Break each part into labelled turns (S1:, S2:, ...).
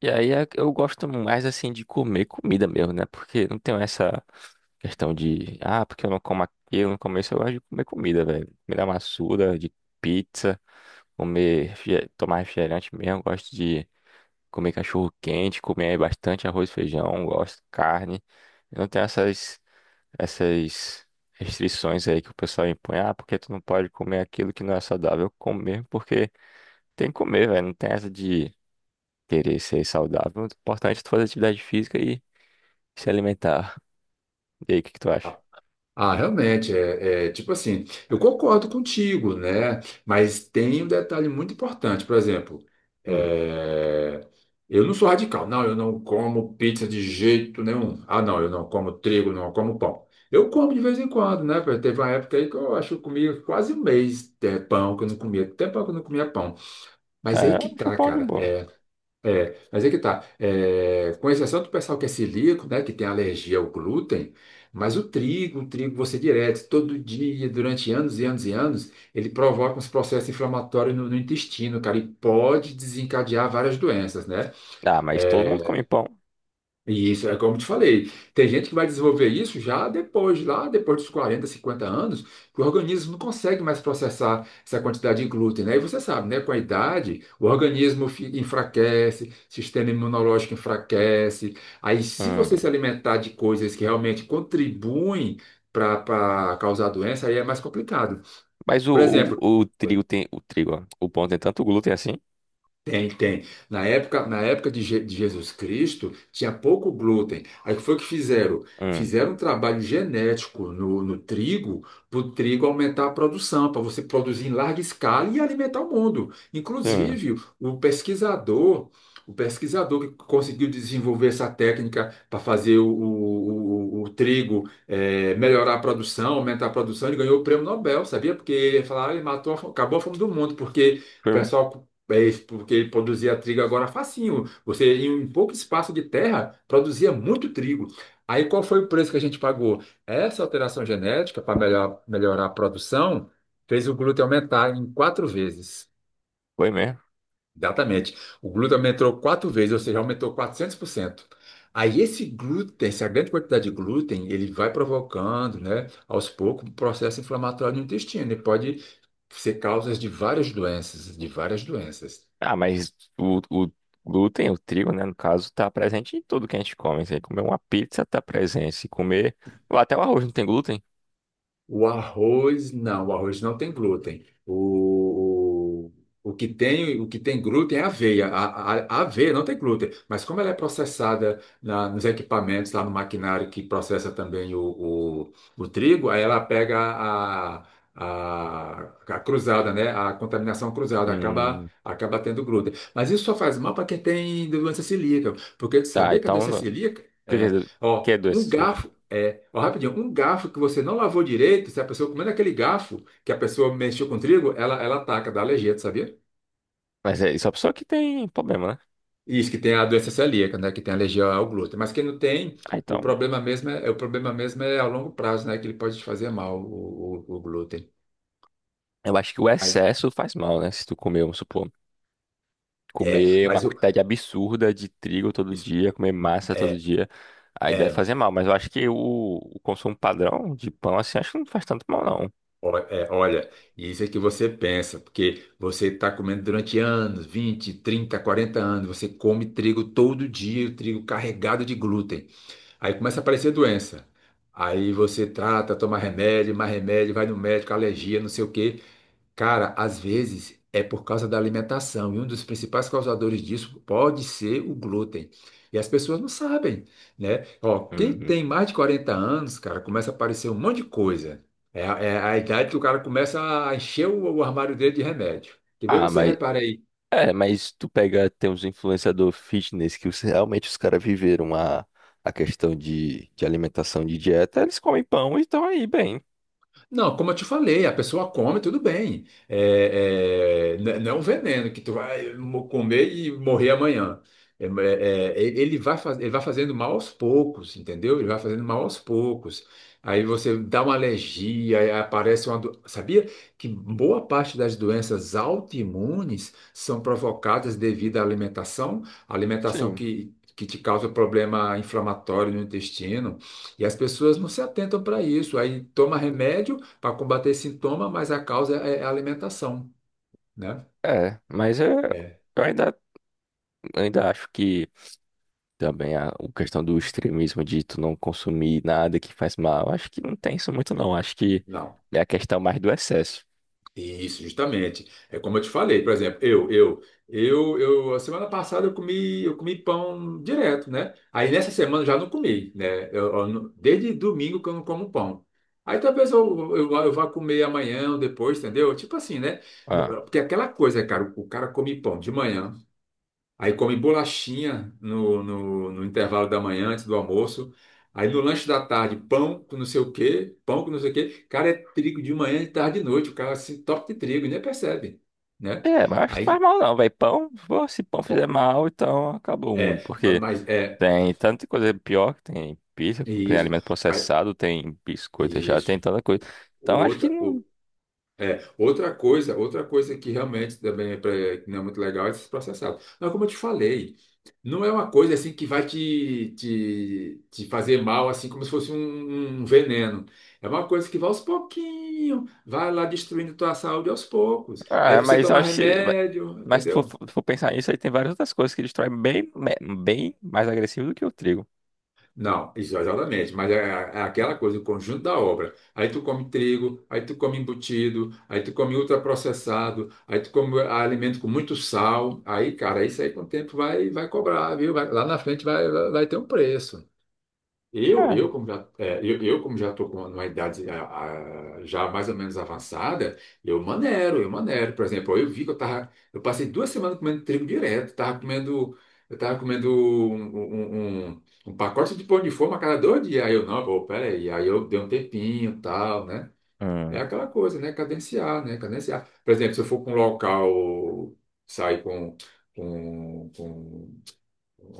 S1: E aí eu gosto mais assim de comer comida mesmo, né? Porque não tem essa questão de, ah, porque eu não como aquilo, não como isso, eu gosto de comer comida, velho. Comida maçuda, de pizza, tomar refrigerante mesmo, eu gosto de comer cachorro quente, comer bastante arroz e feijão, gosto de carne. Eu não tenho essas restrições aí que o pessoal impõe, ah, porque tu não pode comer aquilo que não é saudável. Eu como mesmo porque tem que comer, velho. Não tem essa de querer ser saudável, o importante é tu fazer atividade física e se alimentar. E aí, o que que tu acha?
S2: Ah, realmente, tipo assim, eu concordo contigo, né? Mas tem um detalhe muito importante, por exemplo,
S1: Hum.
S2: é, eu não sou radical, não, eu não como pizza de jeito nenhum. Ah, não, eu não como trigo, não como pão. Eu como de vez em quando, né? Teve uma época aí que eu acho que eu comia quase um mês de pão, que eu não comia, até pão que eu não comia pão. Mas é
S1: É,
S2: aí
S1: eu
S2: que
S1: acho
S2: tá,
S1: pão de
S2: cara.
S1: boa.
S2: É, mas é que tá. É, com exceção do pessoal que é celíaco, né, que tem alergia ao glúten, mas o trigo você direto, todo dia, durante anos e anos e anos, ele provoca uns processos inflamatórios no intestino, cara, e pode desencadear várias doenças, né?
S1: Ah, mas todo mundo
S2: É,
S1: come pão.
S2: e isso é como eu te falei. Tem gente que vai desenvolver isso já depois, lá depois dos 40 50 anos, que o organismo não consegue mais processar essa quantidade de glúten, né? E você sabe, né? Com a idade, o organismo enfraquece, o sistema imunológico enfraquece. Aí, se você se
S1: Hum.
S2: alimentar de coisas que realmente contribuem para causar doença, aí é mais complicado.
S1: Mas o,
S2: Por exemplo.
S1: o, o trigo tem. O trigo, ó. O pão tem tanto glúten assim?
S2: Tem, tem. Na época, de Jesus Cristo, tinha pouco glúten. Aí foi o que fizeram?
S1: Hum.
S2: Fizeram um trabalho genético no trigo, para o trigo aumentar a produção, para você produzir em larga escala e alimentar o mundo.
S1: Hum.
S2: Inclusive, o pesquisador que conseguiu desenvolver essa técnica para fazer o trigo melhorar a produção, aumentar a produção, ele ganhou o prêmio Nobel, sabia? Porque ele ia falar, ele matou, acabou a fome do mundo, porque o
S1: Foi mesmo?
S2: pessoal é isso, porque ele produzia trigo agora facinho. Você, em um pouco espaço de terra, produzia muito trigo. Aí qual foi o preço que a gente pagou? Essa alteração genética, para melhorar a produção, fez o glúten aumentar em quatro vezes.
S1: Foi mesmo.
S2: Exatamente. O glúten aumentou quatro vezes, ou seja, aumentou 400%. Aí esse glúten, essa grande quantidade de glúten, ele vai provocando, né, aos poucos, um processo inflamatório no intestino e pode ser causas de várias doenças, de várias doenças.
S1: Ah, mas o glúten, o trigo, né, no caso, tá presente em tudo que a gente come. Se comer uma pizza, tá presente. Se comer. Ou até o arroz não tem glúten?
S2: O arroz não tem glúten. O que tem glúten é a aveia. A aveia não tem glúten, mas como ela é processada nos equipamentos, lá no maquinário que processa também o trigo, aí ela pega a, a cruzada, né? A contaminação cruzada, acaba,
S1: Hum.
S2: acaba tendo glúten. Mas isso só faz mal para quem tem doença celíaca, porque tu
S1: Tá,
S2: sabia que a
S1: então,
S2: doença
S1: não. O
S2: celíaca
S1: que que é,
S2: é,
S1: do- que
S2: ó,
S1: é doença?
S2: um
S1: Explica.
S2: garfo ó, rapidinho, um garfo que você não lavou direito, se a pessoa comendo aquele garfo que a pessoa mexeu com trigo, ela ataca, dá alergia, tu sabia?
S1: Mas é, isso é a pessoa que tem problema, né?
S2: Isso, que tem a doença celíaca, né? Que tem alergia ao glúten. Mas quem não tem,
S1: Ah,
S2: o
S1: então,
S2: problema mesmo é, o problema mesmo é a longo prazo, né? Que ele pode te fazer mal, o glúten.
S1: eu acho que o
S2: Mas,
S1: excesso faz mal, né? Se tu comer, vamos supor,
S2: é,
S1: comer uma
S2: mas o,
S1: quantidade absurda de trigo todo
S2: isso,
S1: dia, comer massa todo
S2: é,
S1: dia, aí deve
S2: é,
S1: fazer mal. Mas eu acho que o consumo padrão de pão, assim, acho que não faz tanto mal, não.
S2: olha, isso é que você pensa, porque você está comendo durante anos, 20, 30, 40 anos, você come trigo todo dia, o trigo carregado de glúten. Aí começa a aparecer doença. Aí você trata, toma remédio, mais remédio, vai no médico, alergia, não sei o quê. Cara, às vezes é por causa da alimentação. E um dos principais causadores disso pode ser o glúten. E as pessoas não sabem, né? Ó, quem
S1: Uhum.
S2: tem mais de 40 anos, cara, começa a aparecer um monte de coisa. É, a é a idade que o cara começa a encher o armário dele de remédio. Que bem
S1: Ah,
S2: você
S1: mas,
S2: repara.
S1: mas tu pega, tem uns influenciador fitness que realmente os caras viveram a questão de alimentação, de dieta, eles comem pão e estão aí bem.
S2: Não, como eu te falei, a pessoa come, tudo bem. Não é um veneno que tu vai comer e morrer amanhã. Ele vai fazendo mal aos poucos, entendeu? Ele vai fazendo mal aos poucos. Aí você dá uma alergia. Aí aparece uma. Do- Sabia que boa parte das doenças autoimunes são provocadas devido à alimentação? A alimentação
S1: Sim,
S2: que te causa problema inflamatório no intestino. E as pessoas não se atentam para isso. Aí toma remédio para combater esse sintoma, mas a causa é a alimentação, né?
S1: é, mas é,
S2: É.
S1: eu ainda acho que também a questão do extremismo de tu não consumir nada que faz mal. Acho que não tem isso muito, não. Acho que
S2: Não.
S1: é a questão mais do excesso.
S2: Isso, justamente. É como eu te falei, por exemplo, a semana passada eu comi, pão direto, né? Aí nessa semana eu já não comi, né? Eu não- Desde domingo que eu não como pão. Aí talvez eu vá comer amanhã ou depois, entendeu? Tipo assim, né?
S1: Ah.
S2: Porque aquela coisa, cara, o cara come pão de manhã. Aí come bolachinha no intervalo da manhã, antes do almoço. Aí no lanche da tarde, pão com não sei o quê, pão com não sei o quê. Cara, é trigo de manhã, de tarde e de noite. O cara se top de trigo, e nem percebe, né?
S1: É, mas acho que não faz
S2: Aí,
S1: mal, não, velho. Pão, pô, se pão
S2: ó,
S1: fizer mal, então acabou o mundo. Porque
S2: mas é
S1: tem tanta coisa pior, que tem pizza, tem
S2: isso.
S1: alimento
S2: Aí,
S1: processado, tem biscoito já,
S2: isso.
S1: tem tanta coisa. Então acho que
S2: Outra,
S1: não.
S2: outra coisa que realmente também é que não é muito legal é esses processados. Mas como eu te falei, não é uma coisa assim que vai te fazer mal, assim como se fosse um veneno. É uma coisa que vai aos pouquinhos, vai lá destruindo tua saúde aos poucos. Aí
S1: Ah,
S2: você
S1: mas eu
S2: toma
S1: acho que,
S2: remédio,
S1: mas se tu
S2: entendeu?
S1: for, for pensar nisso, aí tem várias outras coisas que destroem bem, bem mais agressivo do que o trigo.
S2: Não, isso, exatamente, mas é aquela coisa, o conjunto da obra. Aí tu come trigo, aí tu come embutido, aí tu come ultraprocessado, aí tu come alimento com muito sal. Aí, cara, isso aí com o tempo vai cobrar, viu? Lá na frente vai ter um preço. Eu, eu
S1: É.
S2: como já, é, eu, eu como já estou com uma idade já mais ou menos avançada, eu manero, eu manero. Por exemplo, eu vi que eu passei 2 semanas comendo trigo direto, tava comendo um pacote de pão de forma a cada 2 dias. Aí eu, não, pô, peraí, aí eu dei um tempinho, e tal, né? É
S1: Hum.
S2: aquela coisa, né? Cadenciar, né? Cadenciar. Por exemplo, se eu for para um local, sair com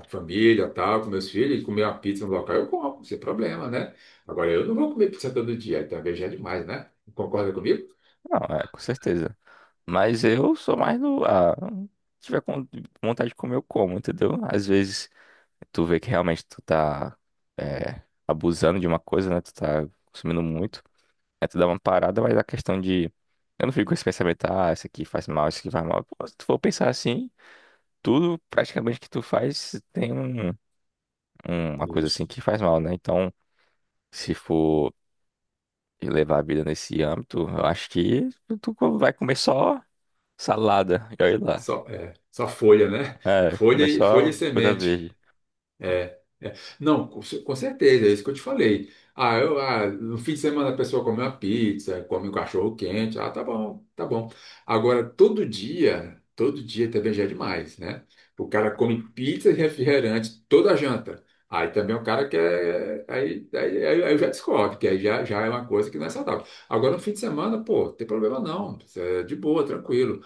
S2: família, tal, com meus filhos, comer uma pizza no local, eu como, sem problema, né? Agora, eu não vou comer pizza todo dia, então veja é demais, né? Concorda comigo?
S1: Não, é, com certeza. Mas eu sou mais do. Ah, se tiver com vontade de comer, eu como, entendeu? Às vezes tu vê que realmente tu tá é, abusando de uma coisa, né? Tu tá consumindo muito. Aí tu dá uma parada, mas a questão de. Eu não fico com esse pensamento, ah, isso aqui faz mal, isso aqui faz mal. Pô, se tu for pensar assim, tudo praticamente que tu faz tem um, uma coisa assim
S2: Isso.
S1: que faz mal, né? Então, se for levar a vida nesse âmbito, eu acho que tu vai comer só salada. E olha lá.
S2: Só folha, né?
S1: É, começou
S2: Folha e
S1: a coisa
S2: semente.
S1: verde.
S2: É, não, com certeza, é isso que eu te falei. Ah, no fim de semana a pessoa come uma pizza, come um cachorro quente, ah, tá bom, tá bom. Agora, todo dia também já é demais, né? O cara come pizza e refrigerante toda a janta. Aí também o cara quer. Aí já descobre, que aí já é uma coisa que não é saudável. Agora, no fim de semana, pô, não tem problema não, isso é de boa, tranquilo.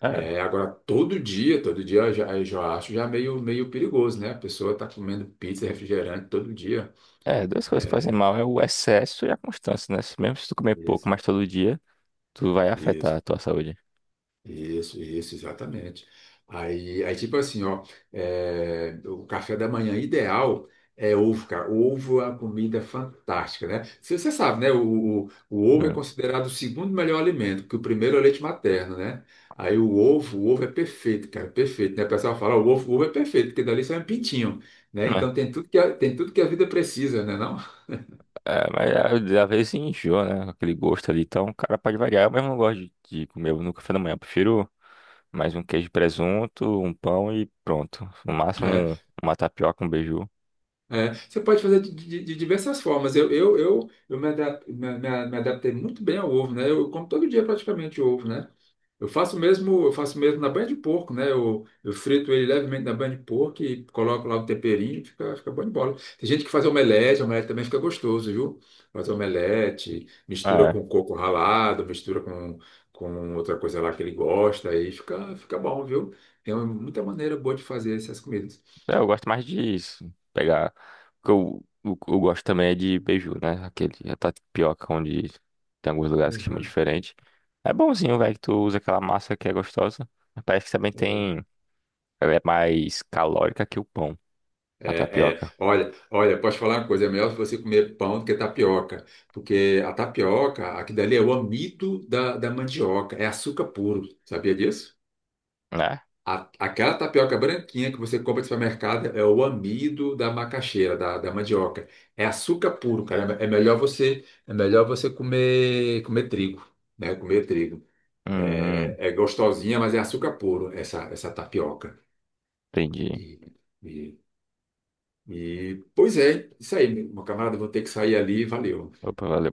S1: É,
S2: É, agora todo dia eu já acho já meio perigoso, né? A pessoa tá comendo pizza, refrigerante todo dia.
S1: é, duas coisas que
S2: É.
S1: fazem mal é o excesso e a constância, né? Mesmo se tu comer pouco,
S2: Isso.
S1: mas todo dia, tu vai
S2: Isso.
S1: afetar a tua saúde.
S2: Isso, exatamente. Aí tipo assim, ó, o café da manhã ideal é ovo, cara. Ovo é uma comida fantástica, né? Você sabe, né? O ovo é
S1: Hum.
S2: considerado o segundo melhor alimento, porque o primeiro é o leite materno, né? Aí o ovo, o ovo, é perfeito, cara, perfeito, né? O pessoal fala, "Ó, o ovo é perfeito, porque dali sai um pintinho, né?
S1: Né?
S2: Então tem tudo que a, tem tudo que a vida precisa, né, não?
S1: É, é, mas é, às vezes enjoa, né? Aquele gosto ali. Então, o cara pode variar. Eu mesmo não gosto de comer no café da manhã. Eu prefiro mais um queijo e presunto, um pão e pronto. No máximo,
S2: É.
S1: uma tapioca, um beiju.
S2: É, você pode fazer de diversas formas. Eu me adaptei muito bem ao ovo, né? Eu como todo dia praticamente ovo, né? Eu faço mesmo na banha de porco, né? Eu frito ele levemente na banha de porco e coloco lá o temperinho, fica bom de bola. Tem gente que faz omelete, omelete também fica gostoso, viu? Faz omelete, mistura
S1: É.
S2: com coco ralado, mistura com outra coisa lá que ele gosta, aí fica bom, viu? Tem muita maneira boa de fazer essas comidas.
S1: É, eu gosto mais disso. Pegar. O que eu, o eu gosto também é de beiju, né? Aquele a tapioca, onde tem alguns lugares que chama diferente. É bonzinho, velho, que tu usa aquela massa que é gostosa. Mas parece que também
S2: Uhum.
S1: tem. Ela é mais calórica que o pão, a
S2: É, é.
S1: tapioca.
S2: Olha, olha, posso falar uma coisa, é melhor você comer pão do que tapioca, porque a tapioca, aqui dali é o amido da mandioca, é açúcar puro, sabia disso?
S1: Né?
S2: Aquela tapioca branquinha que você compra no supermercado é o amido da macaxeira, da mandioca, é açúcar puro, cara, é melhor você comer trigo, né, comer trigo.
S1: Hum, hum,
S2: É, é gostosinha, mas é açúcar puro essa, tapioca.
S1: entendi.
S2: E, e- E, pois é, isso aí, meu camarada, vou ter que sair ali, valeu.
S1: Opa, valeu.